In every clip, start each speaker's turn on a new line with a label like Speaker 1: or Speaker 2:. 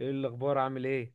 Speaker 1: ايه الاخبار؟ عامل ايه؟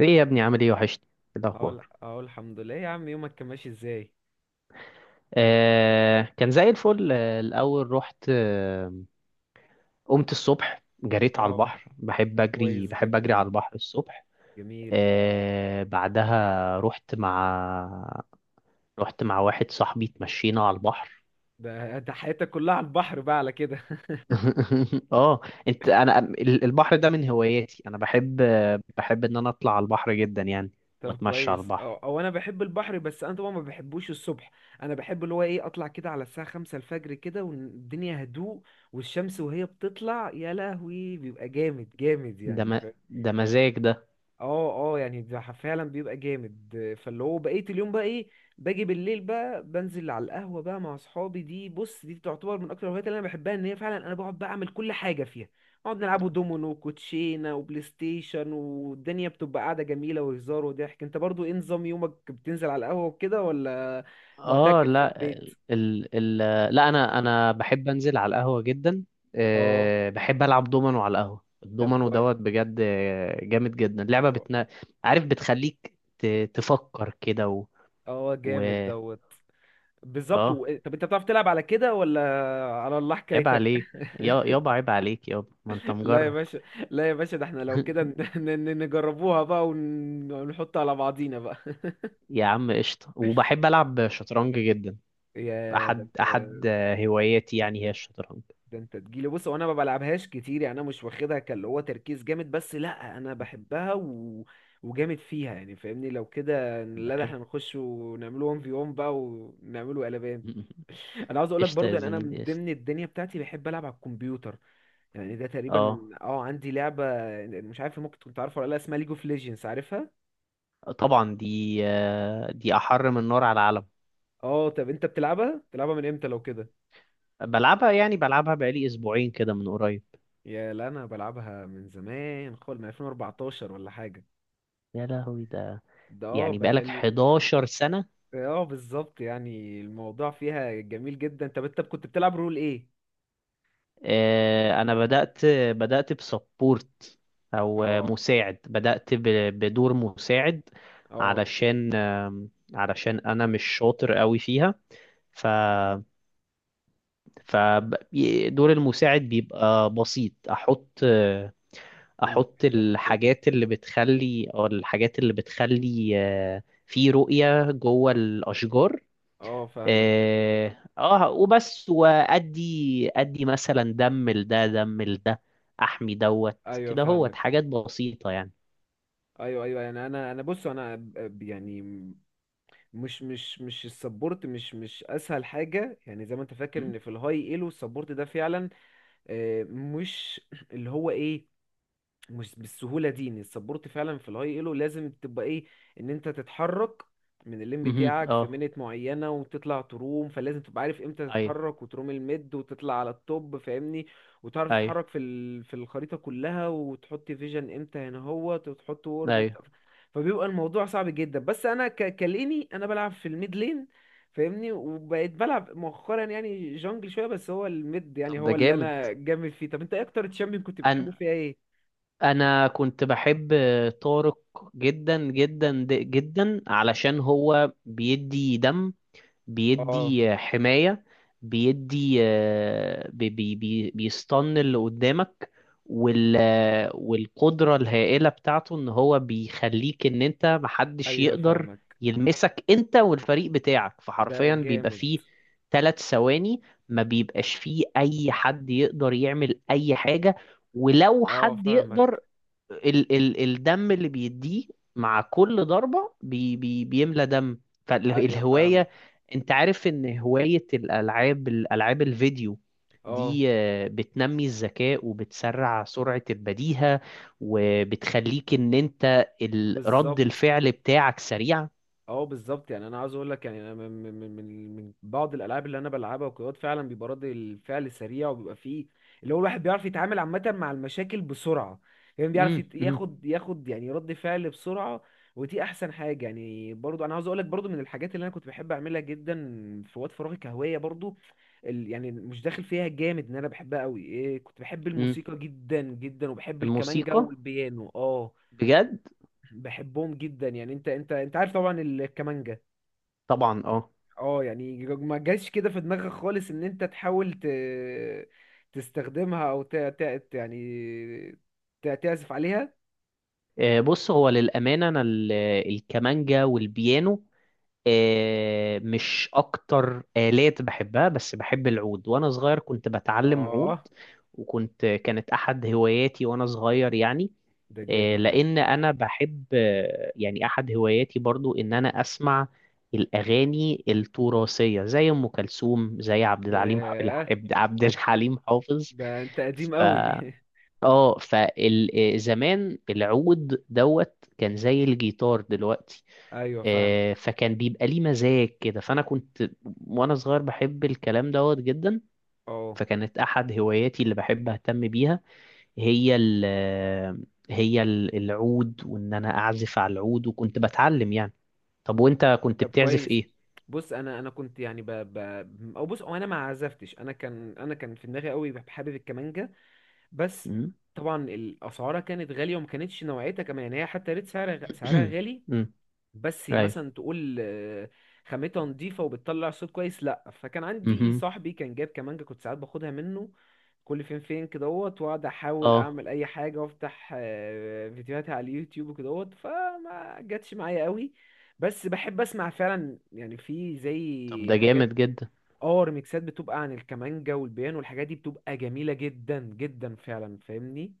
Speaker 2: ايه يا ابني عامل ايه وحشني. إيه
Speaker 1: اقول
Speaker 2: الاخبار؟
Speaker 1: اقول الحمد لله. إيه يا عم، يومك كان ماشي ازاي؟
Speaker 2: آه كان زي الفل، الاول رحت. قمت الصبح جريت على
Speaker 1: اه،
Speaker 2: البحر، بحب
Speaker 1: طب
Speaker 2: اجري
Speaker 1: كويس
Speaker 2: بحب اجري
Speaker 1: جدا.
Speaker 2: على البحر الصبح.
Speaker 1: جميل.
Speaker 2: آه بعدها رحت مع واحد صاحبي، اتمشينا على البحر.
Speaker 1: ده حياتك كلها على البحر بقى على كده.
Speaker 2: اه. البحر ده من هواياتي، انا بحب ان انا اطلع على البحر جدا يعني،
Speaker 1: طب
Speaker 2: واتمشى على
Speaker 1: كويس. او
Speaker 2: البحر.
Speaker 1: او انا بحب البحر، بس انا طبعا ما بحبوش الصبح. انا بحب اللي هو ايه، اطلع كده على الساعه 5 الفجر كده، والدنيا هدوء، والشمس وهي بتطلع يا لهوي بيبقى جامد جامد
Speaker 2: ده
Speaker 1: يعني.
Speaker 2: م... ده مزاج ده.
Speaker 1: اه اه، يعني ده فعلا بيبقى جامد. فاللي هو بقيت اليوم بقى ايه، باجي بالليل بقى بنزل على القهوة بقى مع اصحابي. دي بص، دي تعتبر من اكتر الهوايات اللي انا بحبها، ان هي فعلا انا بقعد بقى اعمل كل حاجة فيها. نقعد نلعبوا دومينو وكوتشينة وبلاي ستيشن، والدنيا بتبقى قاعدة جميلة، وهزار وضحك. انت برضو ايه نظام يومك؟ بتنزل على القهوة وكده، ولا
Speaker 2: اه
Speaker 1: معتكف في
Speaker 2: لا.
Speaker 1: البيت؟
Speaker 2: ال ال لا انا بحب انزل على القهوه جدا.
Speaker 1: اه،
Speaker 2: أه بحب العب دومينو على القهوه،
Speaker 1: طب
Speaker 2: الدومينو
Speaker 1: كويس.
Speaker 2: دوت بجد جامد جدا لعبه بتنا. عارف بتخليك تفكر كده
Speaker 1: اه
Speaker 2: و
Speaker 1: جامد دوت. بالظبط.
Speaker 2: اه.
Speaker 1: طب انت بتعرف تلعب على كده ولا؟ على الله
Speaker 2: عيب
Speaker 1: حكايتك.
Speaker 2: عليك. يابا عيب عليك يابا، ما انت
Speaker 1: لا يا
Speaker 2: مجرب.
Speaker 1: باشا، لا يا باشا، ده احنا لو كده نجربوها بقى ونحط على بعضينا بقى.
Speaker 2: يا عم قشطه، وبحب العب شطرنج جدا.
Speaker 1: يا ده
Speaker 2: احد
Speaker 1: انت.
Speaker 2: احد آه، هواياتي يعني هي
Speaker 1: ده
Speaker 2: الشطرنج.
Speaker 1: ده انت تجيلي، بص وانا ما بلعبهاش كتير يعني، انا مش واخدها كاللي هو تركيز جامد، بس لا انا بحبها. وجامد فيها يعني، فاهمني؟ لو كده
Speaker 2: ده
Speaker 1: لا، ده
Speaker 2: حلو.
Speaker 1: احنا نخش ونعمله 1 في 1 بقى، ونعمله قلبان. انا عاوز اقول لك
Speaker 2: قشطه
Speaker 1: برضو،
Speaker 2: يا
Speaker 1: يعني انا من
Speaker 2: زميلي قشطه.
Speaker 1: ضمن الدنيا بتاعتي بحب العب على الكمبيوتر. يعني ده
Speaker 2: اه
Speaker 1: تقريبا، اه، عندي لعبة، مش عارف ممكن كنت عارفها ولا لا، اسمها ليج اوف ليجندز، عارفها؟
Speaker 2: طبعا دي، دي احر من نار على العلم.
Speaker 1: اه، طب انت بتلعبها من امتى لو كده؟
Speaker 2: بلعبها يعني بلعبها بقالي اسبوعين كده من قريب.
Speaker 1: يا لا، انا بلعبها من زمان خالص، من 2014 ولا حاجه.
Speaker 2: يا لهوي ده،
Speaker 1: ده اه
Speaker 2: يعني بقالك
Speaker 1: بقالي.
Speaker 2: 11 سنة.
Speaker 1: اه بالظبط، يعني الموضوع فيها جميل جدا. طب انت كنت بتلعب رول ايه؟
Speaker 2: انا بدأت بسبورت، او
Speaker 1: اه
Speaker 2: مساعد، بدأت بدور مساعد.
Speaker 1: اه،
Speaker 2: علشان علشان انا مش شاطر قوي فيها. ف فدور المساعد بيبقى بسيط. احط
Speaker 1: الفيجن وكده.
Speaker 2: الحاجات اللي بتخلي، او الحاجات اللي بتخلي في رؤية جوه الاشجار.
Speaker 1: اه فاهمك.
Speaker 2: اه وبس، وادي مثلا دم لده دم لده، احمي دوت
Speaker 1: ايوه
Speaker 2: كده، هوت
Speaker 1: فاهمك.
Speaker 2: حاجات بسيطة يعني.
Speaker 1: ايوه ايوه، يعني انا بص انا يعني مش السبورت، مش اسهل حاجه يعني، زي ما انت فاكر
Speaker 2: م؟
Speaker 1: ان في الهاي ايلو السبورت ده فعلا مش، اللي هو ايه، مش بالسهولة دي، ان السبورت فعلا في الهاي ايلو لازم تبقى ايه، ان انت تتحرك من اللين
Speaker 2: مهم.
Speaker 1: بتاعك في
Speaker 2: اه
Speaker 1: منت معينة وتطلع تروم، فلازم تبقى عارف امتى
Speaker 2: ايوه
Speaker 1: تتحرك وتروم الميد وتطلع على التوب، فاهمني. وتعرف
Speaker 2: ايوه
Speaker 1: تتحرك في في الخريطة كلها، وتحط فيجن امتى هنا هو، وتحط وورد امتى.
Speaker 2: ايوه.
Speaker 1: فبيبقى الموضوع صعب جدا، بس انا كليني انا بلعب في الميد لين، فاهمني. وبقيت بلعب مؤخرا يعني جونجل شوية، بس هو الميد، يعني
Speaker 2: طب ده
Speaker 1: هو اللي
Speaker 2: جامد.
Speaker 1: انا جامد فيه. طب انت ايه اكتر تشامبيون كنت بتحبه
Speaker 2: انا
Speaker 1: فيها ايه؟
Speaker 2: انا كنت بحب طارق جدا جدا جدا، علشان هو بيدي دم،
Speaker 1: اه
Speaker 2: بيدي حماية، بيدي آه، بي بي بي بيستن اللي قدامك، والقدرة الهائلة بتاعته ان هو بيخليك ان انت محدش
Speaker 1: ايوه
Speaker 2: يقدر
Speaker 1: فاهمك.
Speaker 2: يلمسك انت والفريق بتاعك،
Speaker 1: ده
Speaker 2: فحرفيا بيبقى
Speaker 1: جامد.
Speaker 2: فيه ثلاث ثواني ما بيبقاش فيه اي حد يقدر يعمل اي حاجة. ولو
Speaker 1: اه
Speaker 2: حد
Speaker 1: فاهمك.
Speaker 2: يقدر، ال ال الدم اللي بيديه مع كل ضربة بي بي بيملى دم.
Speaker 1: ايوه
Speaker 2: فالهواية،
Speaker 1: فاهمك.
Speaker 2: انت عارف ان هواية الالعاب الفيديو
Speaker 1: اه
Speaker 2: دي بتنمي الذكاء وبتسرع سرعة البديهة، وبتخليك ان انت رد
Speaker 1: بالظبط.
Speaker 2: الفعل بتاعك سريع.
Speaker 1: اه بالظبط، يعني انا عاوز اقول لك يعني انا من بعض الالعاب اللي انا بلعبها وكده فعلا بيبقى رد الفعل سريع، وبيبقى فيه اللي هو الواحد بيعرف يتعامل عامه مع المشاكل بسرعه، يعني بيعرف
Speaker 2: امم امم
Speaker 1: ياخد يعني رد فعل بسرعه. ودي احسن حاجه، يعني برضو انا عاوز اقول لك برضو من الحاجات اللي انا كنت بحب اعملها جدا في وقت فراغي كهوايه برضو، يعني مش داخل فيها جامد ان انا بحبها قوي إيه، كنت بحب
Speaker 2: امم.
Speaker 1: الموسيقى جدا جدا، وبحب الكمانجا
Speaker 2: الموسيقى
Speaker 1: والبيانو. اه
Speaker 2: بجد.
Speaker 1: بحبهم جدا يعني، انت عارف طبعا الكمانجا.
Speaker 2: طبعا اه.
Speaker 1: اه، يعني ما جاش كده في دماغك خالص ان انت تحاول تستخدمها، او يعني تعزف عليها؟
Speaker 2: بص هو للأمانة أنا الكمانجا والبيانو مش اكتر آلات بحبها، بس بحب العود. وانا صغير كنت بتعلم عود،
Speaker 1: اه
Speaker 2: وكنت كانت احد هواياتي وانا صغير يعني.
Speaker 1: ده جامد ده.
Speaker 2: لان انا بحب يعني احد هواياتي برضو ان انا اسمع الاغاني التراثيه، زي ام كلثوم، زي عبد الحليم
Speaker 1: ياه،
Speaker 2: عبد الحليم حافظ.
Speaker 1: ده انت قديم
Speaker 2: ف
Speaker 1: قوي.
Speaker 2: اه فزمان العود دوت كان زي الجيتار دلوقتي.
Speaker 1: ايوه فاهمك.
Speaker 2: فكان بيبقى ليه مزاج كده. فانا كنت وانا صغير بحب الكلام دوت جدا.
Speaker 1: اه،
Speaker 2: فكانت احد هواياتي اللي بحب اهتم بيها، هي ال هي العود، وان انا اعزف على العود وكنت بتعلم يعني. طب وانت كنت
Speaker 1: طب
Speaker 2: بتعزف
Speaker 1: كويس.
Speaker 2: ايه؟
Speaker 1: بص، انا كنت يعني او بص، او انا ما عزفتش، انا كان في دماغي قوي حابب الكمانجا، بس
Speaker 2: مم.
Speaker 1: طبعا الاسعارها كانت غاليه، وما كانتش نوعيتها كمان، يعني هي حتى ريت سعرها سعرها غالي.
Speaker 2: مم.
Speaker 1: بس
Speaker 2: ايوه
Speaker 1: مثلا تقول خامتها نضيفة وبتطلع صوت كويس، لأ، فكان عندي
Speaker 2: مهم.
Speaker 1: صاحبي كان جايب كمانجا، كنت ساعات باخدها منه كل فين فين كدهوت، واقعد احاول
Speaker 2: اه
Speaker 1: اعمل اي حاجة، وافتح فيديوهاتي على اليوتيوب وكدهوت، فما جاتش معايا قوي. بس بحب اسمع فعلا، يعني في
Speaker 2: طب
Speaker 1: زي
Speaker 2: ده
Speaker 1: حاجات،
Speaker 2: جامد جدا.
Speaker 1: اه ريميكسات بتبقى عن الكمانجا والبيان، والحاجات دي بتبقى جميلة جدا جدا فعلا، فاهمني.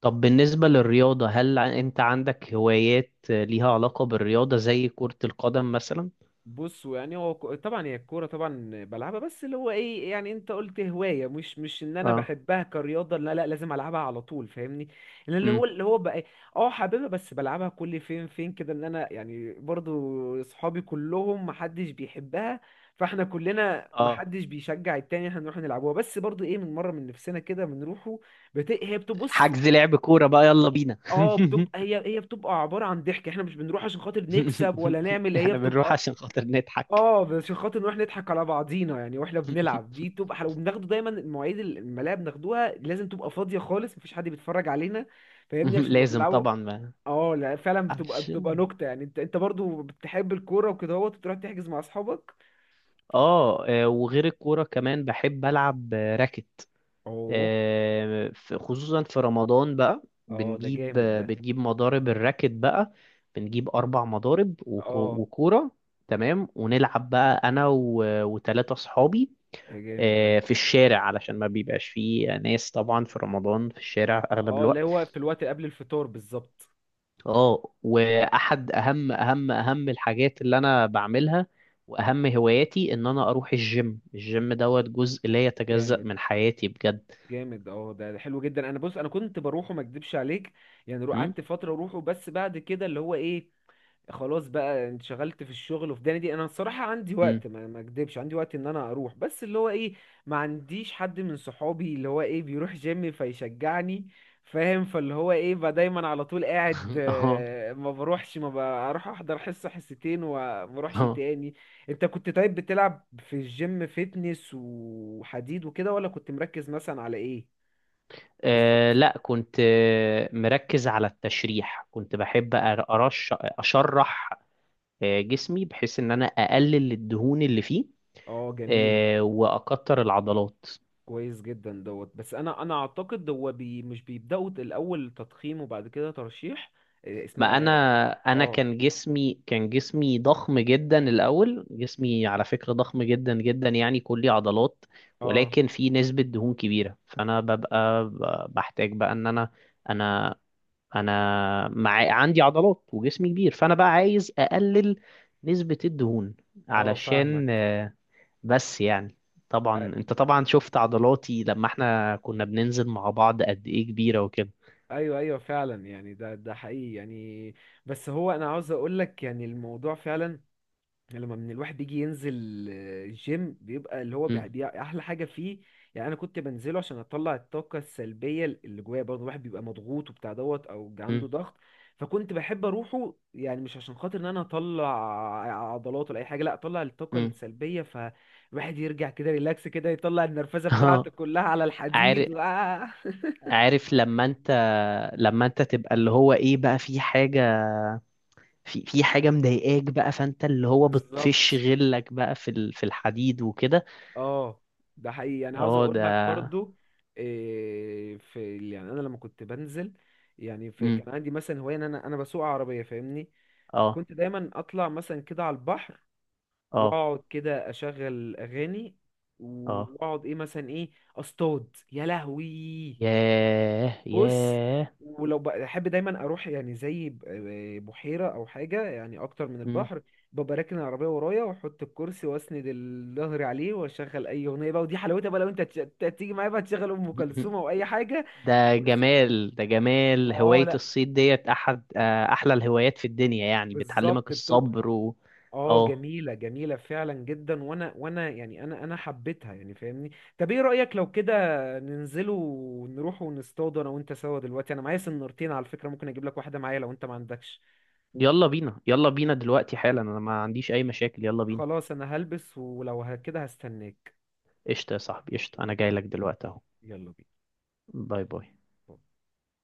Speaker 2: طب بالنسبة للرياضة، هل انت عندك هوايات ليها علاقة بالرياضة زي كرة القدم مثلا؟
Speaker 1: بص، يعني هو طبعا هي الكوره طبعا بلعبها، بس اللي هو ايه، يعني انت قلت هوايه، مش ان انا
Speaker 2: اه
Speaker 1: بحبها كرياضه، لا لا، لازم العبها على طول، فاهمني. لان اللي هو
Speaker 2: امم
Speaker 1: اللي هو بقى إيه، اه حاببها، بس بلعبها كل فين فين كده، ان انا يعني برضو اصحابي كلهم محدش بيحبها، فاحنا كلنا
Speaker 2: اه.
Speaker 1: محدش بيشجع التاني، احنا نروح نلعبوها، بس برضو ايه من مره من نفسنا كده بنروحوا. هي بتبص.
Speaker 2: حجز لعب كورة بقى، يلا بينا.
Speaker 1: اه بتبقى هي هي بتبقى عباره عن ضحك، احنا مش بنروح عشان خاطر نكسب ولا نعمل، هي
Speaker 2: احنا بنروح
Speaker 1: بتبقى،
Speaker 2: عشان خاطر نضحك.
Speaker 1: اه، بس عشان خاطر نروح نضحك على بعضينا، يعني واحنا بنلعب دي تبقى حلوه، وبناخده دايما المواعيد الملاعب بناخدوها لازم تبقى فاضيه خالص، مفيش حد بيتفرج علينا، فاهمني، عشان نبقى
Speaker 2: لازم
Speaker 1: بنلعبه.
Speaker 2: طبعا، ما
Speaker 1: اه لا فعلا، بتبقى
Speaker 2: ينفعش.
Speaker 1: بتبقى نكته، يعني انت برضو بتحب الكوره وكده اهوت، وتروح تحجز مع اصحابك؟
Speaker 2: اه وغير الكورة كمان بحب ألعب راكت.
Speaker 1: اوه.
Speaker 2: خصوصا في رمضان بقى،
Speaker 1: اه ده جامد ده.
Speaker 2: بنجيب مضارب الراكت بقى. بنجيب أربع مضارب وكو-
Speaker 1: اه
Speaker 2: وكورة، تمام، ونلعب بقى أنا وتلاتة صحابي
Speaker 1: ده جامد ده.
Speaker 2: في الشارع، علشان ما بيبقاش فيه ناس طبعا في رمضان في الشارع أغلب
Speaker 1: اه، اللي
Speaker 2: الوقت.
Speaker 1: هو في الوقت قبل الفطار بالظبط.
Speaker 2: اه واحد اهم اهم الحاجات اللي انا بعملها واهم هواياتي ان انا اروح الجيم، الجيم دوت جزء لا يتجزأ
Speaker 1: جامد
Speaker 2: من حياتي بجد.
Speaker 1: جامد. اه ده حلو جدا، انا بص انا كنت بروحه، ما اكدبش عليك، يعني
Speaker 2: امم
Speaker 1: قعدت فتره اروحه، بس بعد كده اللي هو ايه، خلاص بقى انشغلت في الشغل وفي دنيا دي، انا الصراحه عندي
Speaker 2: امم
Speaker 1: وقت، ما اكدبش عندي وقت ان انا اروح، بس اللي هو ايه، ما عنديش حد من صحابي اللي هو ايه بيروح جيم فيشجعني، فاهم. فاللي هو ايه بقى دايما على طول قاعد،
Speaker 2: اه
Speaker 1: ما بروحش، ما بروح احضر حصه حصتين، وما بروحش
Speaker 2: اه.
Speaker 1: تاني. انت كنت طيب بتلعب في الجيم فيتنس وحديد وكده، ولا كنت مركز مثلا على ايه؟ بالظبط.
Speaker 2: لا كنت مركز على التشريح، كنت بحب أر- أرش أشرح جسمي، بحيث إن أنا أقلل الدهون اللي فيه
Speaker 1: اه جميل.
Speaker 2: وأكتر العضلات.
Speaker 1: كويس جدا دوت. بس انا اعتقد هو بي مش بيبداوا الاول تضخيم، وبعد كده ترشيح. إيه
Speaker 2: ما انا
Speaker 1: اسمها؟
Speaker 2: انا
Speaker 1: اه
Speaker 2: كان جسمي ضخم جدا الاول، جسمي على فكره ضخم جدا جدا يعني، كلي عضلات،
Speaker 1: اه
Speaker 2: ولكن في نسبه دهون كبيره. فانا ببقى بحتاج بقى ان انا، انا انا مع عندي عضلات وجسمي كبير، فانا بقى عايز اقلل نسبه الدهون
Speaker 1: اه
Speaker 2: علشان
Speaker 1: فاهمك.
Speaker 2: بس يعني.
Speaker 1: أ-
Speaker 2: طبعا انت طبعا شفت عضلاتي لما احنا كنا بننزل مع بعض قد ايه كبيره وكده.
Speaker 1: ايوه ايوه فعلا، يعني ده حقيقي يعني، بس هو انا عاوز اقول لك يعني الموضوع فعلا، يعني لما من الواحد يجي ينزل الجيم، بيبقى اللي هو
Speaker 2: مم.
Speaker 1: احلى حاجه فيه، يعني انا كنت بنزله عشان اطلع الطاقه السلبيه اللي جوايا، برضه الواحد بيبقى مضغوط وبتاع دوت، او عنده
Speaker 2: مم.
Speaker 1: ضغط، فكنت بحب اروحه، يعني مش عشان خاطر ان انا اطلع عضلات ولا اي حاجه، لا، اطلع الطاقه
Speaker 2: مم.
Speaker 1: السلبيه، فالواحد يرجع كده ريلاكس كده، يطلع النرفزه بتاعته
Speaker 2: اه
Speaker 1: كلها على الحديد.
Speaker 2: عارف، عارف لما انت، لما انت تبقى اللي هو ايه بقى، في حاجة، في حاجة مضايقاك بقى، فانت اللي هو بتفش
Speaker 1: بالظبط.
Speaker 2: غلك بقى في في الحديد وكده.
Speaker 1: اه ده حقيقي، يعني عاوز
Speaker 2: اه
Speaker 1: اقول
Speaker 2: ده
Speaker 1: لك برضو إيه في، يعني انا لما كنت بنزل، يعني في
Speaker 2: امم
Speaker 1: كان عندي مثلا هوايه، ان انا بسوق عربيه، فاهمني.
Speaker 2: اه
Speaker 1: فكنت دايما اطلع مثلا كده على البحر،
Speaker 2: اه
Speaker 1: واقعد كده اشغل اغاني،
Speaker 2: اه
Speaker 1: واقعد ايه مثلا ايه، اصطاد يا لهوي.
Speaker 2: ياه
Speaker 1: بص،
Speaker 2: ياه.
Speaker 1: ولو بحب دايما اروح يعني زي بحيره او حاجه، يعني اكتر من
Speaker 2: مم.
Speaker 1: البحر، ببقى راكن العربيه ورايا، واحط الكرسي واسند الظهر عليه، واشغل اي اغنيه بقى، ودي حلاوتها بقى لو انت تيجي معايا بقى، تشغل ام كلثوم او اي حاجه.
Speaker 2: ده
Speaker 1: بس
Speaker 2: جمال، ده جمال.
Speaker 1: اه
Speaker 2: هواية
Speaker 1: لا،
Speaker 2: الصيد ديت احد احلى الهوايات في الدنيا يعني، بتعلمك
Speaker 1: بالظبط
Speaker 2: الصبر
Speaker 1: بتبقى،
Speaker 2: و
Speaker 1: اه
Speaker 2: اه.
Speaker 1: جميله جميله فعلا جدا، وانا يعني انا حبيتها يعني، فاهمني. طب ايه رايك لو كده ننزلوا ونروح ونصطادوا انا وانت سوا دلوقتي؟ انا معايا سنارتين على فكره، ممكن اجيب لك واحده معايا لو انت ما عندكش.
Speaker 2: يلا بينا، يلا بينا دلوقتي حالا، انا ما عنديش اي مشاكل، يلا بينا.
Speaker 1: خلاص، انا هلبس، ولو كده هستناك.
Speaker 2: قشطة يا صاحبي قشطة، أنا جاي لك دلوقتي أهو.
Speaker 1: يلا بينا.
Speaker 2: باي باي.